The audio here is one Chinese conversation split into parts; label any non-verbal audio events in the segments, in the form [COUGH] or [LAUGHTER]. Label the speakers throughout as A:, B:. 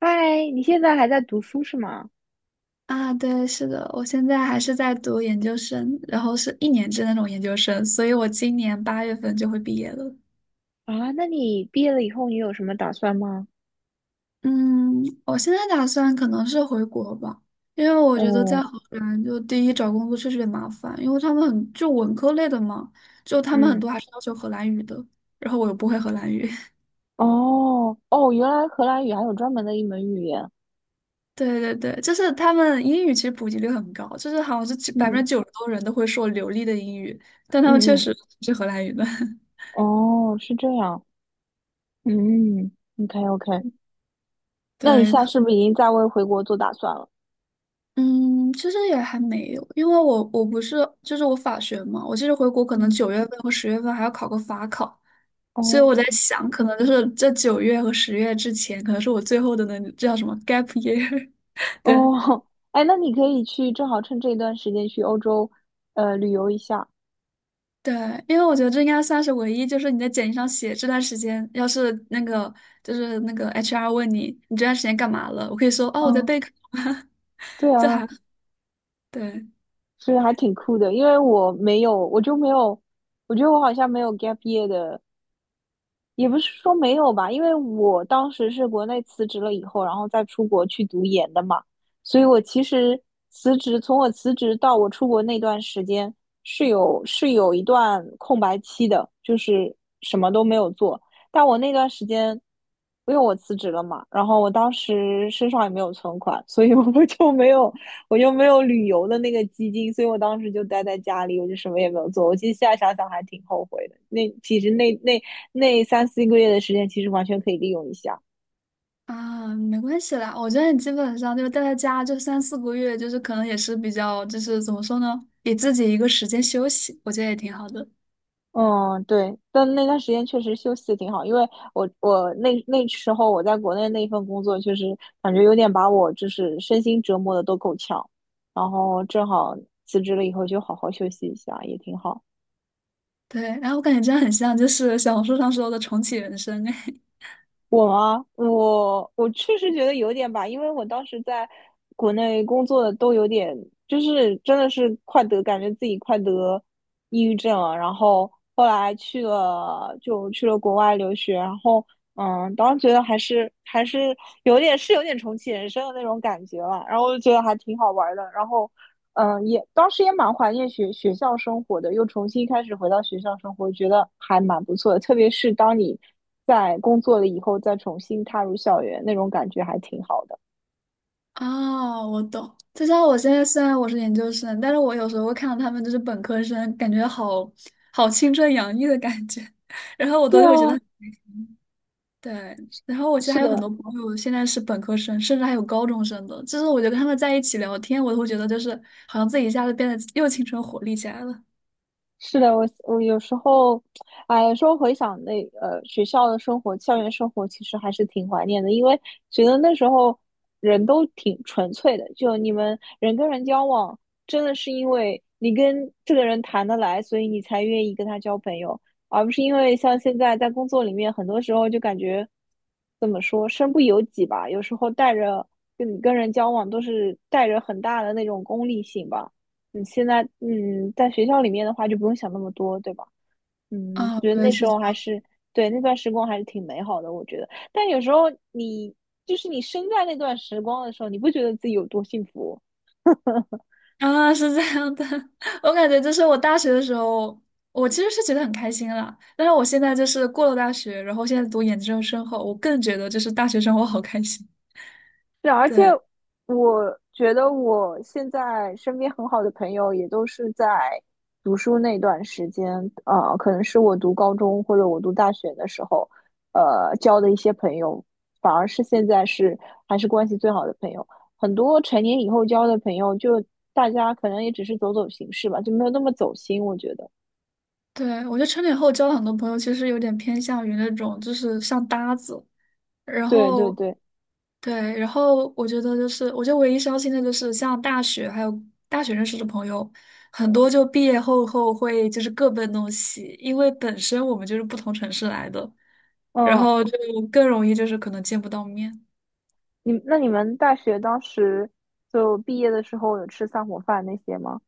A: 嗨，你现在还在读书是吗？
B: 啊，对，是的，我现在还是在读研究生，然后是一年制那种研究生，所以我今年8月份就会毕业了。
A: 啊，那你毕业了以后你有什么打算吗？
B: 嗯，我现在打算可能是回国吧，因为我觉得在
A: 哦，
B: 荷兰就第一找工作确实有点麻烦，因为他们很就文科类的嘛，就他们很
A: 嗯，
B: 多还是要求荷兰语的，然后我又不会荷兰语。[LAUGHS]
A: 哦，哦，原来荷兰语还有专门的一门语言。
B: 对对对，就是他们英语其实普及率很高，就是好像是百分
A: 嗯
B: 之九十多人都会说流利的英语，但他们确
A: 嗯嗯，
B: 实是荷兰语的。[LAUGHS]
A: 哦，是这样。嗯，OK 嗯 OK，那你
B: 对，
A: 现在是不是已经在为回国做打算了？
B: 嗯，其实也还没有，因为我不是就是我法学嘛，我其实回国可能
A: 嗯，
B: 9月份和10月份还要考个法考，所以我
A: 哦
B: 在想，可能就是这九月和十月之前，可能是我最后的那这叫什么 gap year，[LAUGHS]
A: 哦，
B: 对
A: [LAUGHS] 哎，那你可以去，正好趁这段时间去欧洲，旅游一下。
B: 对，因为我觉得这应该算是唯一，就是你在简历上写这段时间，要是那个就是那个 HR 问你这段时间干嘛了，我可以说哦我在
A: 嗯，
B: 备考，
A: 对
B: [LAUGHS] 这
A: 啊，
B: 还对。
A: 所以还挺酷的，因为我没有，我就没有。我觉得我好像没有 gap year 的，也不是说没有吧，因为我当时是国内辞职了以后，然后再出国去读研的嘛，所以我其实辞职，从我辞职到我出国那段时间是有一段空白期的，就是什么都没有做。但我那段时间，因为我辞职了嘛，然后我当时身上也没有存款，所以我 [LAUGHS] 就没有我又没有旅游的那个基金，所以我当时就待在家里，我就什么也没有做。我其实现在想想还挺后悔的。那其实那那那三四个月的时间，其实完全可以利用一下。
B: 啊，没关系啦，我觉得你基本上就是待在家就3、4个月，就是可能也是比较，就是怎么说呢，给自己一个时间休息，我觉得也挺好的。
A: 嗯，对，但那段时间确实休息的挺好，因为我那时候我在国内那份工作，确实感觉有点把我就是身心折磨的都够呛，然后正好辞职了以后就好好休息一下，也挺好。
B: 对，然后我感觉这样很像就是小红书上说的重启人生，哎。
A: 我吗？我确实觉得有点吧，因为我当时在国内工作的都有点，就是真的是快得，感觉自己快得抑郁症了。然后后来去了，就去了国外留学，然后当时觉得还是有点重启人生的那种感觉吧。然后就觉得还挺好玩的。然后也当时也蛮怀念学校生活的，又重新开始回到学校生活，觉得还蛮不错的。特别是当你在工作了以后，再重新踏入校园，那种感觉还挺好的。
B: [LAUGHS] 哦，我懂。就像我现在虽然我是研究生，但是我有时候会看到他们就是本科生，感觉好青春洋溢的感觉，[LAUGHS] 然后我
A: 对
B: 都会觉
A: 啊，
B: 得。对，然后我其实
A: 是
B: 还有很
A: 的，
B: 多朋友现在是本科生，甚至还有高中生的，就是我觉得跟他们在一起聊天，我都会觉得就是好像自己一下子变得又青春活力起来了。
A: 是的，我我有时候，哎，有时候回想那学校的生活、校园生活，其实还是挺怀念的，因为觉得那时候人都挺纯粹的，就你们人跟人交往，真的是因为你跟这个人谈得来，所以你才愿意跟他交朋友，而不是因为像现在在工作里面，很多时候就感觉怎么说，身不由己吧，有时候带着跟你跟人交往都是带着很大的那种功利性吧。你现在在学校里面的话就不用想那么多，对吧？嗯，
B: 啊，
A: 觉得
B: 对，
A: 那时
B: 是
A: 候
B: 这样。
A: 对那段时光还是挺美好的，我觉得。但有时候你就是你身在那段时光的时候，你不觉得自己有多幸福？
B: 啊，是这样的，[LAUGHS] 我感觉就是我大学的时候，我其实是觉得很开心啦。但是我现在就是过了大学，然后现在读研究生后，我更觉得就是大学生活好开心。
A: 是，而且
B: 对，
A: 我觉得我现在身边很好的朋友也都是在读书那段时间，可能是我读高中或者我读大学的时候，交的一些朋友，反而是现在是还是关系最好的朋友。很多成年以后交的朋友，就大家可能也只是走走形式吧，就没有那么走心，我觉得。
B: 对，我觉得成年后交了很多朋友，其实有点偏向于那种就是像搭子，然
A: 对对
B: 后
A: 对，
B: 对，然后我觉得就是，我觉得唯一伤心的就是像大学还有大学认识的朋友，很多就毕业后会就是各奔东西，因为本身我们就是不同城市来的，然
A: 嗯，
B: 后就更容易就是可能见不到面
A: 那你们大学当时就毕业的时候有吃散伙饭那些吗？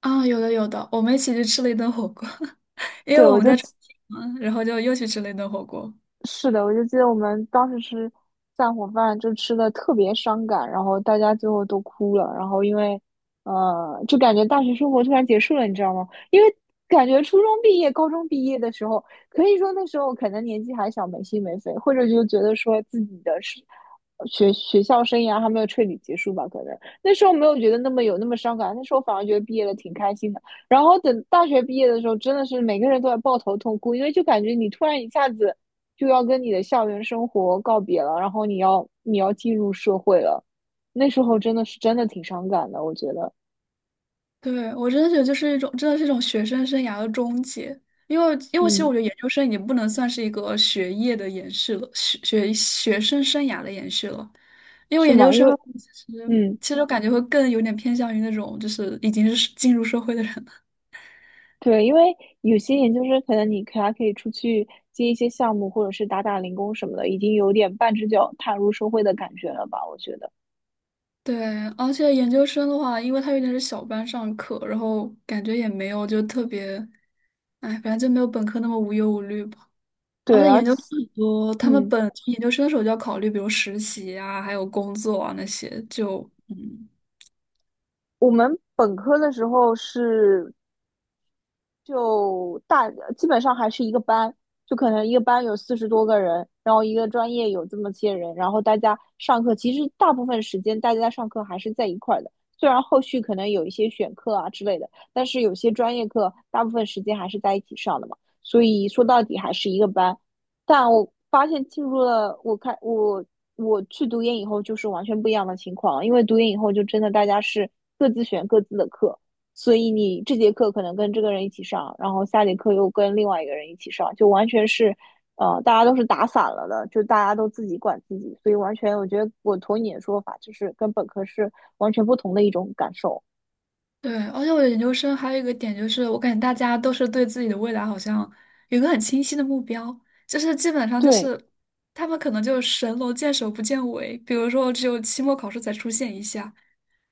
B: 啊。有的有的，我们一起去吃了一顿火锅，[LAUGHS] 因为
A: 对，
B: 我们在重庆嘛，然后就又去吃了一顿火锅。
A: 是的，我就记得我们当时吃散伙饭，就吃的特别伤感，然后大家最后都哭了，然后因为，就感觉大学生活突然结束了，你知道吗？因为感觉初中毕业、高中毕业的时候，可以说那时候可能年纪还小，没心没肺，或者就觉得说自己的是学校生涯还没有彻底结束吧，可能那时候没有觉得那么伤感，那时候反而觉得毕业了挺开心的。然后等大学毕业的时候，真的是每个人都在抱头痛哭，因为就感觉你突然一下子，就要跟你的校园生活告别了，然后你要进入社会了，那时候真的挺伤感的，我觉得，
B: 对，我真的觉得就是一种，真的是一种学生生涯的终结。因为其实
A: 嗯，
B: 我觉得研究生已经不能算是一个学业的延续了，学生生涯的延续了。因为
A: 是
B: 研究
A: 吗？因
B: 生的
A: 为，
B: 话其实
A: 嗯，
B: 其实我感觉会更有点偏向于那种就是已经是进入社会的人了。
A: 对，因为有些研究生可能你还可以出去接一些项目，或者是打打零工什么的，已经有点半只脚踏入社会的感觉了吧？我觉得，
B: 对，而且研究生的话，因为他有点是小班上课，然后感觉也没有就特别，哎，反正就没有本科那么无忧无虑。而
A: 对，
B: 且
A: 而
B: 研
A: 且，
B: 究生很多，他们
A: 嗯，
B: 本研究生的时候就要考虑，比如实习啊，还有工作啊那些，就嗯，
A: 我们本科的时候是就大，基本上还是一个班，就可能一个班有40多个人，然后一个专业有这么些人，然后大家上课，其实大部分时间大家上课还是在一块儿的，虽然后续可能有一些选课啊之类的，但是有些专业课大部分时间还是在一起上的嘛，所以说到底还是一个班，但我发现进入了我看我我去读研以后就是完全不一样的情况，因为读研以后就真的大家是各自选各自的课。所以你这节课可能跟这个人一起上，然后下节课又跟另外一个人一起上，就完全是，大家都是打散了的，就大家都自己管自己，所以完全我觉得我同你的说法，就是跟本科是完全不同的一种感受。
B: 对。而且我觉得研究生还有一个点就是，我感觉大家都是对自己的未来好像有个很清晰的目标，就是基本上就
A: 对，
B: 是他们可能就是神龙见首不见尾，比如说只有期末考试才出现一下，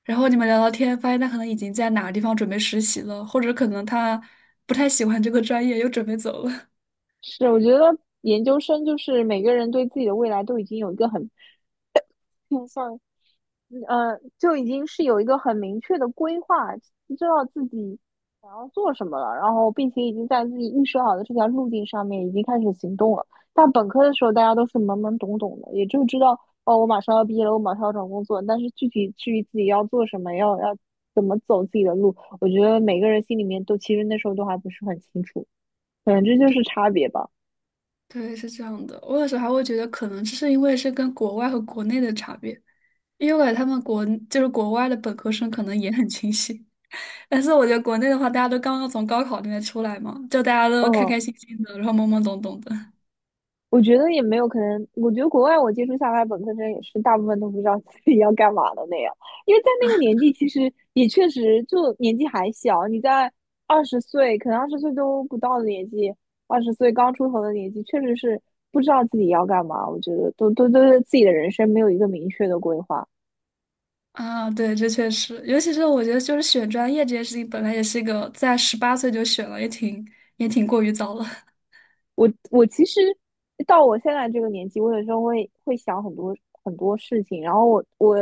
B: 然后你们聊聊天，发现他可能已经在哪个地方准备实习了，或者可能他不太喜欢这个专业，又准备走了。[LAUGHS]
A: 是我觉得研究生就是每个人对自己的未来都已经有一个很 [LAUGHS]。嗯，就已经是有一个很明确的规划，知道自己想要做什么了，然后并且已经在自己预设好的这条路径上面已经开始行动了。但本科的时候，大家都是懵懵懂懂的，也就知道哦，我马上要毕业了，我马上要找工作，但是具体至于自己要做什么，要怎么走自己的路，我觉得每个人心里面都其实那时候都还不是很清楚，反正这就
B: 对。
A: 是差别吧，
B: 对，是这样的。我有时候还会觉得，可能是因为是跟国外和国内的差别，因为我感觉他们就是国外的本科生可能也很清醒，[LAUGHS] 但是我觉得国内的话，大家都刚刚从高考里面出来嘛，就大家都开
A: 嗯。
B: 开心心的，然后懵懵懂懂的。
A: 我觉得也没有可能，我觉得国外我接触下来，本科生也是大部分都不知道自己要干嘛的那样，因为在那个年纪，其实也确实就年纪还小，你在二十岁，可能二十岁都不到的年纪，二十岁刚出头的年纪，确实是不知道自己要干嘛。我觉得都对自己的人生没有一个明确的规划。
B: 啊，对，这确实，尤其是我觉得，就是选专业这件事情，本来也是一个在18岁就选了，也挺过于早了。
A: 我其实到我现在这个年纪，我有时候会想很多很多事情，然后我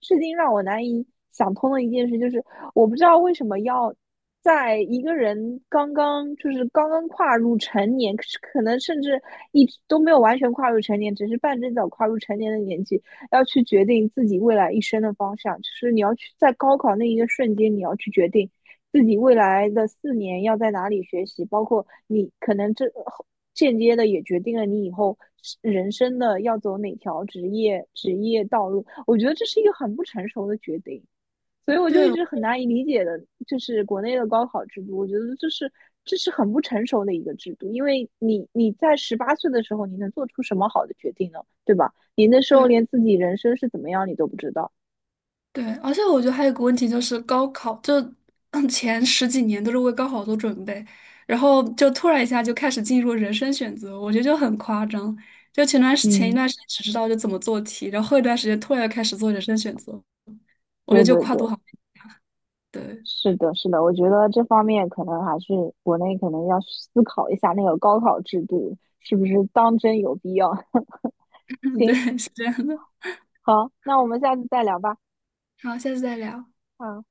A: 至今让我难以想通的一件事就是，我不知道为什么要在一个人刚刚就是刚刚跨入成年，可能甚至一直都没有完全跨入成年，只是半只脚跨入成年的年纪，要去决定自己未来一生的方向，就是你要去在高考那一个瞬间，你要去决定自己未来的4年要在哪里学习，包括你可能这间接的也决定了你以后人生的要走哪条职业道路。我觉得这是一个很不成熟的决定，所以
B: [LAUGHS]
A: 我
B: 对
A: 就一直很难以理解的，就是国内的高考制度，我觉得这是很不成熟的一个制度，因为你在18岁的时候，你能做出什么好的决定呢？对吧？你那时候
B: 对，
A: 连自己人生是怎么样你都不知道。
B: 对，而且我觉得还有个问题就是高考，就嗯前十几年都是为高考做准备，然后就突然一下就开始进入人生选择，我觉得就很夸张。就前一
A: 嗯，
B: 段时间只知道就怎么做题，然后后一段时间突然就开始做人生选择，我觉
A: 对
B: 得就
A: 对
B: 跨度
A: 对。
B: 好，对，
A: 是的，是的，我觉得这方面可能还是国内可能要思考一下那个高考制度是不是当真有必要。[LAUGHS]
B: [LAUGHS]
A: 行，
B: 对，是这样的。
A: 好，那我们下次再聊吧。
B: 好，下次再聊。
A: 嗯。